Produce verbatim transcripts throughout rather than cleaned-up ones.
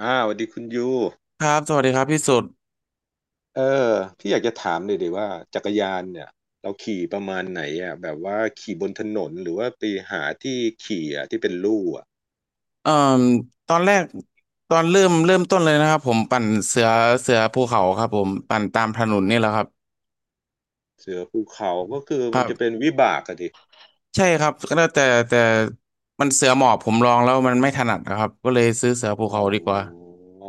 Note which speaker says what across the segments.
Speaker 1: อ่าสวัสดีคุณยู
Speaker 2: ครับสวัสดีครับพี่สุด
Speaker 1: เออพี่อยากจะถามเลยดีว่าจักรยานเนี่ยเราขี่ประมาณไหนอ่ะแบบว่าขี่บนถนนหรือว่าไปหาที่ขี่อ่ะที่เป็นลู่อ่ะ
Speaker 2: เอ่มตอนแรกตอนเริ่มเริ่มต้นเลยนะครับผมปั่นเสือเสือภูเขาครับผมปั่นตามถนนนี่แหละครับ
Speaker 1: เสือภูเขาก็คือ
Speaker 2: ค
Speaker 1: มัน
Speaker 2: รั
Speaker 1: จะเป็
Speaker 2: บ
Speaker 1: นวิบากอะดิ
Speaker 2: ใช่ครับก็แต่แต่แต่มันเสือหมอบผมลองแล้วมันไม่ถนัดนะครับก็เลยซื้อเสือภู
Speaker 1: อ๋อ
Speaker 2: เขา
Speaker 1: อ
Speaker 2: ดีกว่า
Speaker 1: ๋อ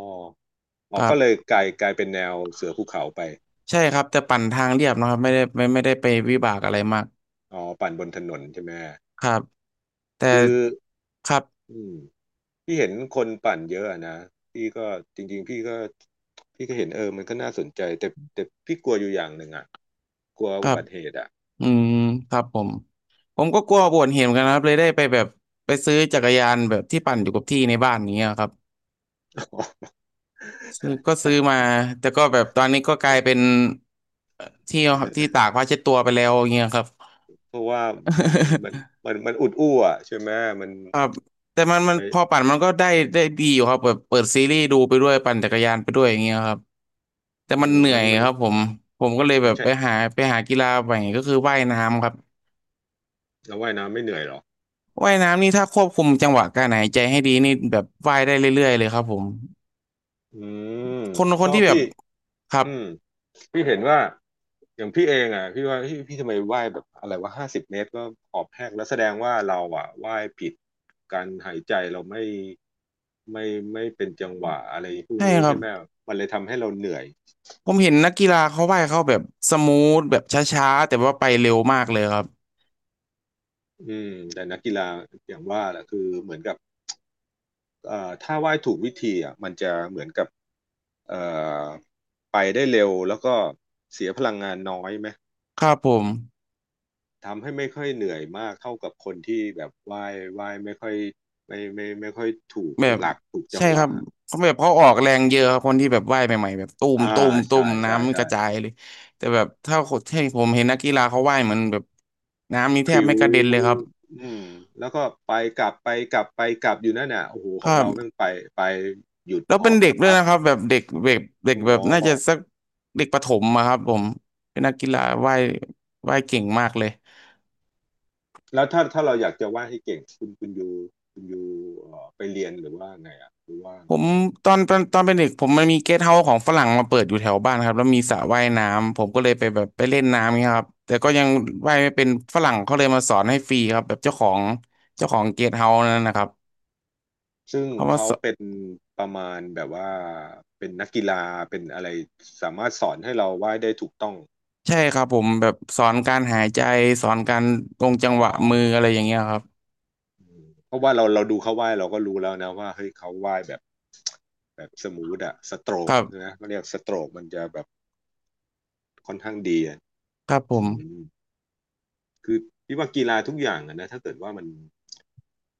Speaker 1: อ๋อ
Speaker 2: ครั
Speaker 1: ก็เลย
Speaker 2: บ
Speaker 1: กลายกลายเป็นแนวเสือภูเขาไป
Speaker 2: ใช่ครับแต่ปั่นทางเรียบนะครับไม่ได้ไม่ไม่ได้ไปวิบากอะไรมาก
Speaker 1: อ๋อปั่นบนถนนใช่ไหม
Speaker 2: ครับแต่
Speaker 1: คือ
Speaker 2: ครับ
Speaker 1: อืมพี่เห็นคนปั่นเยอะอะนะพี่ก็จริงๆพี่ก็พี่ก็เห็นเออมันก็น่าสนใจแต่แต่พี่กลัวอยู่อย่างหนึ่งอ่ะกลัว
Speaker 2: ค
Speaker 1: อุ
Speaker 2: รับ
Speaker 1: บัติเหตุอ่ะ
Speaker 2: อืมครับผมผมก็กลัวปวดเห็นเหมือนกันนะครับเลยได้ไปแบบไปซื้อจักรยานแบบที่ปั่นอยู่กับที่ในบ้านอย่างเงี้ยครับ ซื้อก็ซื้อมาแต่ก็แบบตอนนี้ก็กลายเป็นเอ่อที่อที่ตากผ้าเช็ดตัวไปแล้วอย่างเงี้ยครับ
Speaker 1: เพราะว่ามันมันมันมันอุดอู้อ่ะใช่ไหมมัน
Speaker 2: ครับแต่มันมันพอ
Speaker 1: ไป
Speaker 2: ปั่นมันก็ได้ได้ดีอยู่ครับแบบเปิดซีรีส์ดูไปด้วยปั่นจักรยานไปด้วยอย่างเงี้ยครับแต่
Speaker 1: อื
Speaker 2: มัน
Speaker 1: ม
Speaker 2: เหนื่อ
Speaker 1: มัน
Speaker 2: ย
Speaker 1: มัน
Speaker 2: ครับผมผมก็เลยแบ
Speaker 1: มัน
Speaker 2: บ
Speaker 1: ใช่
Speaker 2: ไปหาไปหากีฬาใหม่ก็คือว่ายน้ำครับ
Speaker 1: เราว่ายน้ำไม่เหนื่อยหรอ
Speaker 2: ว่ายน้ำนี่ถ้าควบคุมจังหวะการหายใจให้ดีนี่แบบว่ายได้เรื่อยๆเลยครับผม
Speaker 1: อืม
Speaker 2: คนค
Speaker 1: เพ
Speaker 2: น
Speaker 1: ราะ
Speaker 2: ที่แบบ
Speaker 1: พี่
Speaker 2: ครั
Speaker 1: อื
Speaker 2: บ
Speaker 1: มพี่เห็นว่าอย่างพี่เองอ่ะพี่ว่าพี่พี่ทำไมว่ายแบบอะไรว่าห้าสิบเมตรก็หอบแห้งแล้วแสดงว่าเราอ่ะว่ายผิดการหายใจเราไม่ไม่ไม่เป็นจังหวะอะไรพวก
Speaker 2: ใช่
Speaker 1: นี้
Speaker 2: ครับ
Speaker 1: ใช่ไหมมันเลยทำให้เราเหนื่อย
Speaker 2: ผมเห็นนักกีฬาเขาว่ายเขาแบบสมูทแบบช้าๆแต่ว่าไปเร็วมากเลยครับ
Speaker 1: อืมแต่นักกีฬาอย่างว่าแหละคือเหมือนกับ เอ่อถ้าไหว้ถูกวิธีอ่ะมันจะเหมือนกับเอ่อไปได้เร็วแล้วก็เสียพลังงานน้อยไหม
Speaker 2: ครับผม
Speaker 1: ทำให้ไม่ค่อยเหนื่อยมากเท่ากับคนที่แบบไหว้ไหว้ไม่ค่อยไม่ไม่ไม่ไม่ค่อยถูก
Speaker 2: แบบ
Speaker 1: หลักถูกจั
Speaker 2: ใช่
Speaker 1: งห
Speaker 2: ครั
Speaker 1: วะ
Speaker 2: บเขาแบบเขาออกแรงเยอะครับคนที่แบบว่ายใหม่ๆแบบต้ม
Speaker 1: อ่า
Speaker 2: ต้มต้
Speaker 1: ใช่
Speaker 2: ม
Speaker 1: ใช่
Speaker 2: น้ำก
Speaker 1: ใช่
Speaker 2: ระจายเลยแต่แบบถ้าคนที่ผมเห็นนักกีฬาเขาว่ายเหมือนแบบน้ำนี่
Speaker 1: พ
Speaker 2: แทบ
Speaker 1: ริ้ว
Speaker 2: ไม่กระเด็นเลยครับ
Speaker 1: อืมแล้วก็ไปกลับไปกลับไปกลับอยู่นั่นน่ะโอ้โหข
Speaker 2: ค
Speaker 1: อ
Speaker 2: รั
Speaker 1: งเราแม่
Speaker 2: บ
Speaker 1: งไปไปหยุด
Speaker 2: แล้ว
Speaker 1: ห
Speaker 2: เป็
Speaker 1: อ
Speaker 2: น
Speaker 1: บ
Speaker 2: เด็
Speaker 1: สั
Speaker 2: ก
Speaker 1: ก
Speaker 2: ด้วย
Speaker 1: พัก
Speaker 2: นะครับแบบเด็กเบบเด็ก
Speaker 1: โอ้
Speaker 2: แบ
Speaker 1: โ
Speaker 2: บน่า
Speaker 1: ห
Speaker 2: จะสักเด็กประถมอะครับผมเป็นนักกีฬาว่ายว่ายเก่งมากเลย
Speaker 1: แล้วถ้าถ้าเราอยากจะวาดให้เก่งคุณคุณยูคุณยู่ไปเรียนหรือว่าไงอ่ะหรือว่า
Speaker 2: ผมตอนเป็นตอนเป็นเด็กผมมันมีเกสต์เฮาส์ของฝรั่งมาเปิดอยู่แถวบ้านครับแล้วมีสระว่ายน้ำผมก็เลยไปแบบไปเล่นน้ำเงี้ยครับแต่ก็ยังว่ายไม่เป็นฝรั่งเขาเลยมาสอนให้ฟรีครับแบบเจ้าของเจ้าของเกสต์เฮาส์นั่นนะครับ
Speaker 1: ซึ่ง
Speaker 2: เขามา
Speaker 1: เขา
Speaker 2: สอน
Speaker 1: เป็นประมาณแบบว่าเป็นนักกีฬาเป็นอะไรสามารถสอนให้เราวาดได้ถูกต้อง
Speaker 2: ใช่ครับผมแบบสอนการหายใจสอนการลง
Speaker 1: อ๋
Speaker 2: จั
Speaker 1: อ
Speaker 2: งหวะมืออะไรอย่างเงี้ยครับ
Speaker 1: เพราะว่าเราเราดูเขาวาดเราก็รู้แล้วนะว่าเฮ้ยเขาวาดแบบแบบสมูทอะสโตร
Speaker 2: ค
Speaker 1: ก
Speaker 2: รับ
Speaker 1: นะเขาเรียกสโตรกมันจะแบบค่อนข้างดีอะ
Speaker 2: ครับผ
Speaker 1: อื
Speaker 2: ม
Speaker 1: มคือพี่ว่ากีฬาทุกอย่างอะนะถ้าเกิดว่ามัน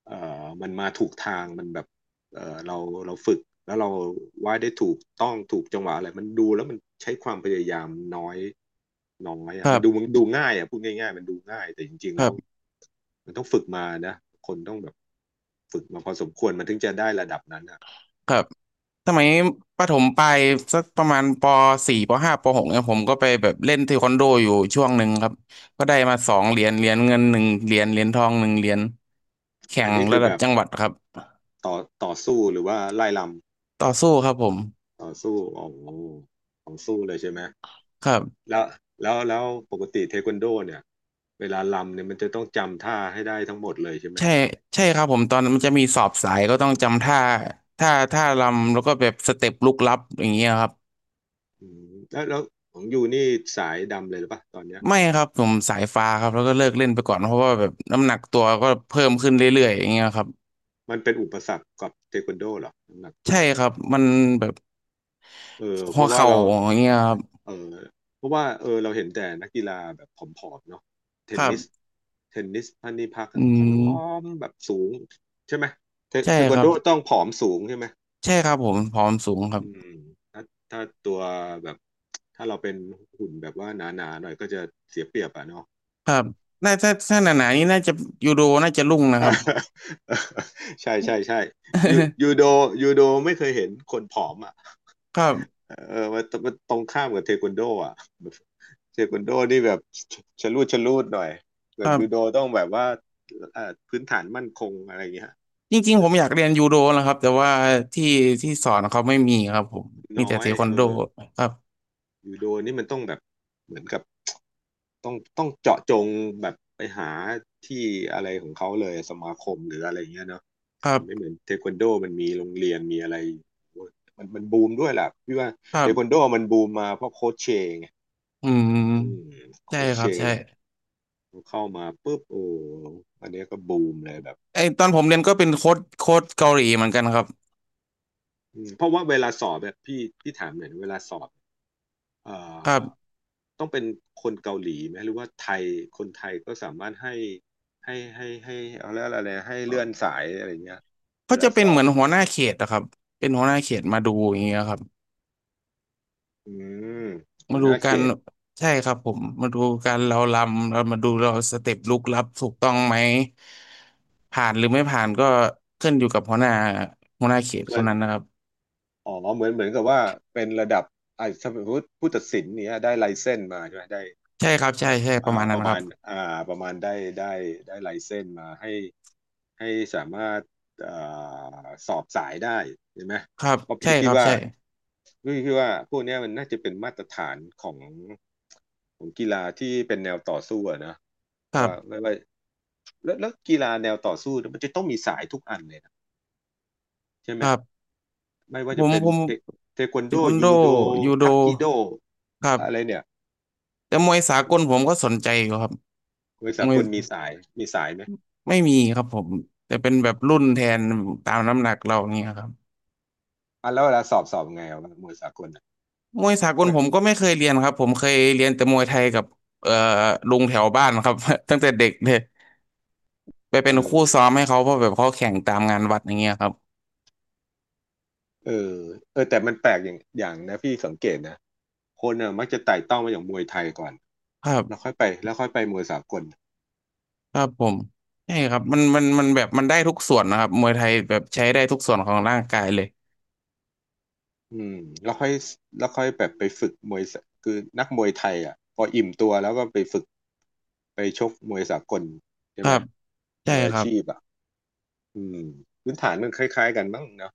Speaker 1: เอ่อมันมาถูกทางมันแบบเอ่อเราเราฝึกแล้วเราวาดได้ถูกต้องถูกจังหวะอะไรมันดูแล้วมันใช้ความพยายามน้อยน้อย
Speaker 2: ค
Speaker 1: อ่ะ
Speaker 2: รั
Speaker 1: มันดู
Speaker 2: บ
Speaker 1: มันดูง่ายอ่ะพูดง่ายๆมันดูง่ายแต่จริงๆ
Speaker 2: ค
Speaker 1: แล้
Speaker 2: รั
Speaker 1: ว
Speaker 2: บ
Speaker 1: มันต้องฝึกมานะคนต้องแบบฝึกมาพอสมควรมันถึงจะได้ระดับนั้นอ่ะ
Speaker 2: ครับสมัยประถมปลายสักประมาณปสี่ปห้าปหกเนี่ยผมก็ไปแบบเล่นเทควันโดอยู่ช่วงหนึ่งครับก็ได้มาสองเหรียญเหรียญเงินหนึ่งเหรียญเหรียญทองหนึ่งเหรียญแข่
Speaker 1: อัน
Speaker 2: ง
Speaker 1: นี้คื
Speaker 2: ระ
Speaker 1: อ
Speaker 2: ดั
Speaker 1: แบ
Speaker 2: บ
Speaker 1: บ
Speaker 2: จังหวัดครับ
Speaker 1: ต่อต่อสู้หรือว่าไล่ลำ
Speaker 2: ต่อสู้ครับผม
Speaker 1: ต่อสู้อ๋อของสู้เลยใช่ไหม
Speaker 2: ครับ
Speaker 1: แล้วแล้วแล้วปกติเทควันโดเนี่ยเวลาลำเนี่ยมันจะต้องจำท่าให้ได้ทั้งหมดเลยใช่ไหม
Speaker 2: ใช่ใช่ครับผมตอนนั้นมันจะมีสอบสายก็ต้องจำท่าท่าท่ารำแล้วก็แบบสเต็ปลุกลับอย่างเงี้ยครับ
Speaker 1: อืมแล้วแล้วของยูนี่สายดำเลยหรือปะตอนเนี้ย
Speaker 2: ไม่ครับผมสายฟ้าครับแล้วก็เลิกเล่นไปก่อนเพราะว่าแบบน้ำหนักตัวก็เพิ่มขึ้นเรื่อยๆอย่างเงี้ยครับ
Speaker 1: มันเป็นอุปสรรคกับเทควันโดเหรอน้ำหนักตั
Speaker 2: ใช่
Speaker 1: วเนี่ย
Speaker 2: ครับมันแบบ
Speaker 1: เออเพ
Speaker 2: หัว
Speaker 1: ราะว่า
Speaker 2: เข่า
Speaker 1: เรา
Speaker 2: อย่างเงี้ยครับ
Speaker 1: เออเพราะว่าเออเราเห็นแต่นักกีฬาแบบผอมๆเนาะเท
Speaker 2: ค
Speaker 1: น
Speaker 2: รั
Speaker 1: นิส
Speaker 2: บ
Speaker 1: เทนนิสพันนิพักอะ
Speaker 2: อื
Speaker 1: ผอ
Speaker 2: ม
Speaker 1: มแบบสูงใช่ไหมเท
Speaker 2: ใช่
Speaker 1: เทค
Speaker 2: ค
Speaker 1: วัน
Speaker 2: รั
Speaker 1: โด
Speaker 2: บ
Speaker 1: ต้องผอมสูงใช่ไหม
Speaker 2: ใช่ครับผมผอมสูงครับ
Speaker 1: อืมถ้าถ้าตัวแบบถ้าเราเป็นหุ่นแบบว่าหนาๆหน่อยก็จะเสียเปรียบอะเนาะ
Speaker 2: ครับน่าถ้าถ้าหนาๆนี่น่าจะยูโดน่าจะรุ่งนะ ค
Speaker 1: อ่า
Speaker 2: รับ
Speaker 1: ใช่ใช่ใช่ยูยูโด ยูโดไม่เคยเห็นคนผอมอ่ะ
Speaker 2: ครับ
Speaker 1: เออมันมันตรงข้ามกับเทควันโดอ่ะแบบเทควันโดนี่แบบชชะลูดชะลูดหน่อยส่
Speaker 2: ค
Speaker 1: วน
Speaker 2: รั
Speaker 1: ยูโด
Speaker 2: บ
Speaker 1: ต้องแบบว่าเอ่อพื้นฐานมั่นคงอะไรเงี้ย
Speaker 2: จริงๆผมอยากเรียนยูโดนะครับแต่ว่าที่ที่สอนเขาไม่มีครับผมมี
Speaker 1: น้อ
Speaker 2: แต่เท
Speaker 1: ย
Speaker 2: ควัน
Speaker 1: เออ
Speaker 2: โดครับ
Speaker 1: ยูโดนี่มันต้องแบบเหมือนกับ ต้องต้องเจาะจงแบบไปหาที่อะไรของเขาเลยสมาคมหรืออะไรอย่างเงี้ยเนาะ
Speaker 2: ครั
Speaker 1: มันไม่เหมื
Speaker 2: บ
Speaker 1: อนเทควันโดมันมีโรงเรียนมีอะไรมันมันบูมด้วยแหละพี่ว่า
Speaker 2: ครั
Speaker 1: เท
Speaker 2: บ
Speaker 1: ควันโดมันบูมมาเพราะโค้ชเชงไง
Speaker 2: อืม
Speaker 1: อืม
Speaker 2: ใช่
Speaker 1: โค้ช
Speaker 2: ค
Speaker 1: เช
Speaker 2: รับ
Speaker 1: ง
Speaker 2: ใช่
Speaker 1: เข้ามาปุ๊บโอ้อันเนี้ยก็บูมเลยแบบ
Speaker 2: ไอตอนผมเรียนก็เป็นโค้ชโค้ชเกาหลีเหมือนกันครับ
Speaker 1: อืมเพราะว่าเวลาสอบแบบพี่พี่ถามหน่อยนะเวลาสอบเอ่
Speaker 2: ครั
Speaker 1: อ
Speaker 2: บ
Speaker 1: ต้องเป็นคนเกาหลีไหมหรือว่าไทยคนไทยก็สามารถให้ให้ให้ให้เอาเรียอะไรนะให้เลื่อนสายอะไรเงี้ยเว
Speaker 2: เขา
Speaker 1: ลา
Speaker 2: จะเป็
Speaker 1: ส
Speaker 2: น
Speaker 1: อ
Speaker 2: เหมื
Speaker 1: บ
Speaker 2: อนหัวหน้าเขตนะครับเป็นหัวหน้าเขตมาดูอย่างเงี้ยครับ
Speaker 1: อืมหั
Speaker 2: มา
Speaker 1: วห
Speaker 2: ดู
Speaker 1: น้าเข
Speaker 2: การ
Speaker 1: ต
Speaker 2: ใช่ครับผมมาดูการเราลำเรามาดูเราสเต็ปลุกลับถูกต้องไหมผ่านหรือไม่ผ่านก็ขึ้นอยู่กับหัวหน้าหัวหน้าเขต
Speaker 1: เห
Speaker 2: ค
Speaker 1: มือ
Speaker 2: น
Speaker 1: น
Speaker 2: นั้นนะครับ
Speaker 1: อ๋อเหมือนเหมือนกับว่าเป็นระดับอ่าสมมติผู้ตัดสินเนี้ยได้ไลเซนส์มาใช่ไหมได้
Speaker 2: ใช่ครับใช่ใช่ป
Speaker 1: อ่า
Speaker 2: ระมาณ
Speaker 1: ป
Speaker 2: นั้น
Speaker 1: ระ
Speaker 2: ค
Speaker 1: มา
Speaker 2: รับ
Speaker 1: ณอ่าประมาณได้ได้ได้ไลเซนส์มาให้ ให้สามารถเอ่อสอบสายได้ใช่ไหม
Speaker 2: ครับ
Speaker 1: เพราะ
Speaker 2: ใช่
Speaker 1: พี่
Speaker 2: ค
Speaker 1: คิด
Speaker 2: รับ
Speaker 1: ว่า
Speaker 2: ใช่
Speaker 1: พี่คิดว่าพวกเนี้ยมันน่าจะเป็นมาตรฐานของของกีฬาที่เป็นแนวต่อสู้อะนะ
Speaker 2: ครั
Speaker 1: ว่าไม่
Speaker 2: บ
Speaker 1: ว่าแล้วแล้วกีฬาแนวต่อสู้เนี่ยมันจะต้องมีสายทุกอันเลยนะใช่
Speaker 2: ค
Speaker 1: ไหม
Speaker 2: รับ
Speaker 1: ไม่ว่า
Speaker 2: ผ
Speaker 1: จะ
Speaker 2: ม
Speaker 1: เป็น
Speaker 2: ผม
Speaker 1: เทเทควัน
Speaker 2: เท
Speaker 1: โด
Speaker 2: ควันโด
Speaker 1: ยูโด
Speaker 2: ยูโด
Speaker 1: ทักกิโด
Speaker 2: ครับ
Speaker 1: อะไรเนี่ย
Speaker 2: แต่มวยสา
Speaker 1: อื
Speaker 2: กลผม
Speaker 1: ม
Speaker 2: ก็สนใจอยู่ครับ
Speaker 1: มวยสา
Speaker 2: มว
Speaker 1: ก
Speaker 2: ย
Speaker 1: ลมีสายมีสายไหม
Speaker 2: ไม่มีครับผมแต่เป็นแบบรุ่นแทนตามน้ำหนักเราอย่างเงี้ยครับ
Speaker 1: อ่ะแล้วเวลาสอบสอบไงอะมวยสากลอะ
Speaker 2: มวยสากล
Speaker 1: ไม่
Speaker 2: ผมก็ไม่เคยเรียนครับผมเคยเรียนแต่มวยไทยกับเอ่อลุงแถวบ้านครับ ตั้งแต่เด็กเลยไปเป็
Speaker 1: เอ
Speaker 2: นคู่
Speaker 1: อ
Speaker 2: ซ้อมให้เขาเพราะแบบเขาแข่งตามงานวัดอย่างเงี้ยครับ
Speaker 1: เออเออแต่มันแปลกอย่างอย่างนะพี่สังเกตนะคนน่ะมักจะไต่เต้ามาอย่างมวยไทยก่อน
Speaker 2: ครั
Speaker 1: แล้วค่
Speaker 2: บ
Speaker 1: อยไปแล้วค่อยไปมวยสากล
Speaker 2: ครับผมใช่ครับมันมันมันแบบมันได้ทุกส่วนนะครับมวยไทยแบบใช้ได้ทุกส่วนของร่างกายเลย
Speaker 1: อืมแล้วค่อยแล้วค่อยแบบไปฝึกมวยสคือนักมวยไทยอ่ะพออิ่มตัวแล้วก็ไปฝึกไปชกมวยสากลใช่
Speaker 2: ครั
Speaker 1: ไหม
Speaker 2: บใช่
Speaker 1: มวยอา
Speaker 2: ครับ
Speaker 1: ชีพอ่ะอืมพื้นฐานมันคล้ายๆกันมั้งเนาะ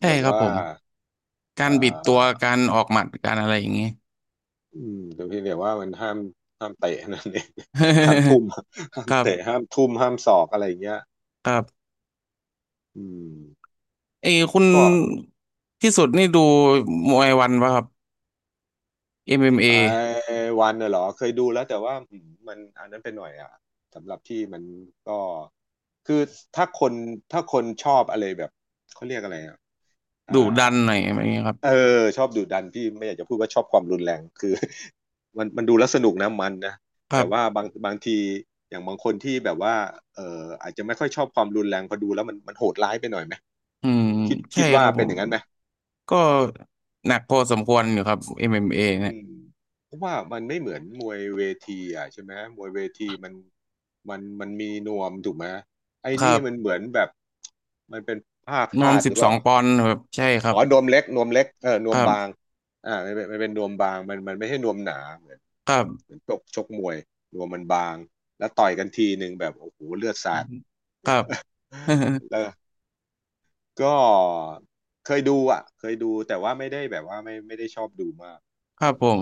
Speaker 2: ใช่
Speaker 1: แบบ
Speaker 2: ครับ
Speaker 1: ว่า
Speaker 2: ผมกา
Speaker 1: เอ่
Speaker 2: รบิดตัว
Speaker 1: า
Speaker 2: การออกหมัดการอะไรอย่างเงี้ย
Speaker 1: อืมแต่เพียงแต่ว่ามันห้ามห้ามเตะนั่นเอง ห้ามทุ่ม ห้าม
Speaker 2: ครั
Speaker 1: เตะ
Speaker 2: บ
Speaker 1: ห้ามทุ่มห้ามศอกอะไรอย่างเงี้ย
Speaker 2: ครับ
Speaker 1: อืม
Speaker 2: เอยคุณ
Speaker 1: ก็
Speaker 2: ที่สุดนี่ดูมวยวันป่ะครับเอ็มเ a
Speaker 1: ไอ้วันน่ะเหรอเคยดูแล้วแต่ว่าอืมมันอันนั้นไปหน่อยอ่ะสำหรับที่มันก็คือถ้าคนถ้าคนชอบอะไรแบบเขาเรียกอะไรอ่ะอ่า
Speaker 2: ดุดันหน่อยอะไรอย่างเงี้ยครับ
Speaker 1: เออชอบดุดันพี่ไม่อยากจะพูดว่าชอบความรุนแรงคือ มันมันดูแล้วสนุกนะมันนะ
Speaker 2: ครั
Speaker 1: แต่
Speaker 2: บ
Speaker 1: ว่าบางบางทีอย่างบางคนที่แบบว่าเอออาจจะไม่ค่อยชอบความรุนแรงพอดูแล้วมันมันโหดร้ายไปหน่อยไหม
Speaker 2: อืม
Speaker 1: คิด
Speaker 2: ใช่
Speaker 1: คิด
Speaker 2: ค
Speaker 1: ว่า
Speaker 2: รับ
Speaker 1: เป็
Speaker 2: ผ
Speaker 1: นอ
Speaker 2: ม
Speaker 1: ย่างนั้นไหม
Speaker 2: ก็หนักพอสมควรอยู่ครับ เอ็ม เอ็ม เอ เอ็มเอเนี่ย
Speaker 1: อืมเพราะว่ามันไม่เหมือนมวยเวทีอ่ะใช่ไหมมวยเวทีมันมันมันมีนวมถูกไหมไอ้
Speaker 2: ครั
Speaker 1: นี่มัน
Speaker 2: บ
Speaker 1: เหมือนแบบมันเป็นผ้า
Speaker 2: รว
Speaker 1: คา
Speaker 2: ม
Speaker 1: ด
Speaker 2: สิ
Speaker 1: ห
Speaker 2: บ
Speaker 1: รือเป
Speaker 2: สอ
Speaker 1: ล่า
Speaker 2: งปอนด์แบบใช่ครั
Speaker 1: อ๋
Speaker 2: บ
Speaker 1: อนวมเล็กนวมเล็กเออน
Speaker 2: ค
Speaker 1: วม
Speaker 2: รั
Speaker 1: บาง
Speaker 2: บ
Speaker 1: อ่ามันเป็นมันเป็นนวมบางมันมันไม่ใช่นวมหนาเหมือน
Speaker 2: ครั
Speaker 1: เห
Speaker 2: บ
Speaker 1: มือนชกชกมวยนวมมันบางแล้วต่อยกันทีหนึ่งแบบโอ้โหเลือดสาด
Speaker 2: ครับ
Speaker 1: แล้วก็เคยดูอ่ะเคยดูแต่ว่าไม่ได้แบบว่าไม่ไม่ได้ชอบดูมาก
Speaker 2: ครับ
Speaker 1: อื
Speaker 2: ผ
Speaker 1: ม
Speaker 2: ม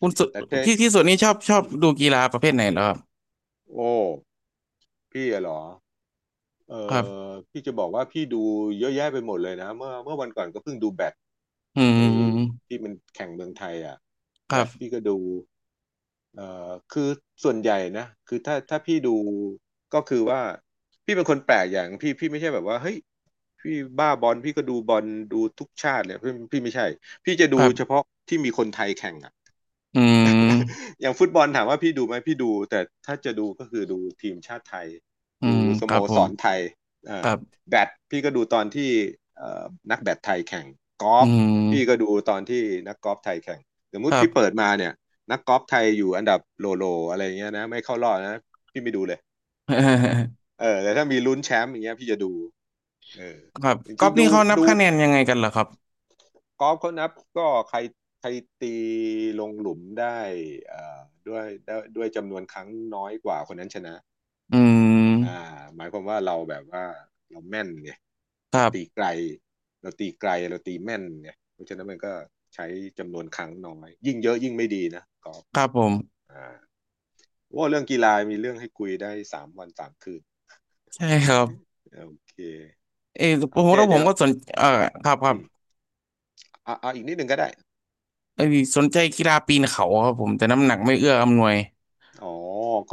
Speaker 2: คุณสุ
Speaker 1: แต่เท
Speaker 2: พี่ที่สุดนี่ชอบชอบ
Speaker 1: อืม
Speaker 2: ดูกีฬาประเภทไหนเหรอครับ
Speaker 1: โอ้ พี่อะเหรอเอ
Speaker 2: ครับ
Speaker 1: อพี่จะบอกว่าพี่ดูเยอะแยะไปหมดเลยนะเมื่อเมื่อวันก่อนก็เพิ่งดูแบด
Speaker 2: อื
Speaker 1: ไอ้
Speaker 2: ม
Speaker 1: ที่มันแข่งเมืองไทยอ่ะ
Speaker 2: ค
Speaker 1: แบ
Speaker 2: รับ
Speaker 1: ดพี่ก็ดูเออคือส่วนใหญ่นะคือถ้าถ้าพี่ดูก็คือว่าพี่เป็นคนแปลกอย่างพี่พี่ไม่ใช่แบบว่าเฮ้ยพี่บ้าบอลพี่ก็ดูบอลดูทุกชาติเลยพี่พี่ไม่ใช่ พี่จะ
Speaker 2: ค
Speaker 1: ดู
Speaker 2: รั
Speaker 1: เฉ
Speaker 2: บ
Speaker 1: พาะที่มีคนไทยแข่งอ่ะ
Speaker 2: อืม
Speaker 1: อย่างฟุตบอลถามว่าพี่ดูไหมพี่ดูแต่ถ้าจะดูก็คือดูทีมชาติไทย
Speaker 2: อื
Speaker 1: ดู
Speaker 2: ม
Speaker 1: ส
Speaker 2: ค
Speaker 1: โม
Speaker 2: รับผ
Speaker 1: ส
Speaker 2: ม
Speaker 1: รไทย
Speaker 2: ค
Speaker 1: อ่า
Speaker 2: รับ
Speaker 1: แบดพี่ก็ดูตอนที่นักแบดไทยแข่งกอ
Speaker 2: อื
Speaker 1: ล์ฟ
Speaker 2: ม
Speaker 1: พี่ก็ดูตอนที่นักกอล์ฟไทยแข่งสมม
Speaker 2: ค
Speaker 1: ติ
Speaker 2: รับ
Speaker 1: พี่เปิดมาเนี่ยนักกอล์ฟไทยอยู่อันดับโลโลอะไรเงี้ยนะไม่เข้ารอบนะพี่ไม่ดูเลยอ่า เออแต่ถ้ามีลุ้นแชมป์อย่างเงี้ยพี่จะดูเออ
Speaker 2: ครับ
Speaker 1: จ
Speaker 2: กอ
Speaker 1: ริ
Speaker 2: ล์
Speaker 1: ง
Speaker 2: ฟ
Speaker 1: ๆดู
Speaker 2: นี่เขานับ
Speaker 1: ดู
Speaker 2: คะแนนยังไงกันเหรอครับ
Speaker 1: กอล์ฟเขานับก็ใครใครตีลงหลุมได้เอ่อด้วยด้วยด้วยจำนวนครั้งน้อยกว่าคนนั้นชนะ
Speaker 2: อืม
Speaker 1: อ่าหมายความว่าเราแบบว่าเราแม่นไง
Speaker 2: ค
Speaker 1: เรา
Speaker 2: รั
Speaker 1: ตีไก
Speaker 2: บ
Speaker 1: ลเราตีไกลเราตีแม่นไงเพราะฉะนั้นมันก็ใช้จำนวนครั้งน้อยยิ่งเยอะยิ่งไม่ดีนะกอล์ฟ
Speaker 2: ครับผม
Speaker 1: อ่าว่าเรื่องกีฬามีเรื่องให้คุยได้สามวันสามคืน
Speaker 2: ใช่ครับ
Speaker 1: โอเค
Speaker 2: เออผ
Speaker 1: โอ
Speaker 2: ม
Speaker 1: เค
Speaker 2: แล้วผ
Speaker 1: เดี๋
Speaker 2: ม
Speaker 1: ยว
Speaker 2: ก็สนเออครับครั
Speaker 1: อื
Speaker 2: บ
Speaker 1: มเอาเอาอีกนิดหนึ่งก็ได้
Speaker 2: เออสนใจกีฬาปีนเขาครับผมแต่น้ำหนักไม่เอื้ออำนวย
Speaker 1: อ๋อ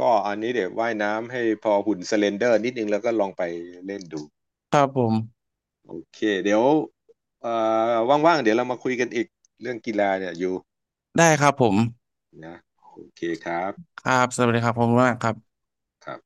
Speaker 1: ก็อันนี้เดี๋ยวว่ายน้ำให้พอหุ่นสเลนเดอร์นิดนึงแล้วก็ลองไปเล่นดู
Speaker 2: ครับผม
Speaker 1: โอเคเดี๋ยวเอ่อว่างๆเดี๋ยวเรามาคุยกันอีกเรื่องกีฬาเนี่ยอยู่
Speaker 2: ได้ครับผม
Speaker 1: นะโอเคครับ
Speaker 2: ครับสวัสดีครับผมมากครับ
Speaker 1: ครับ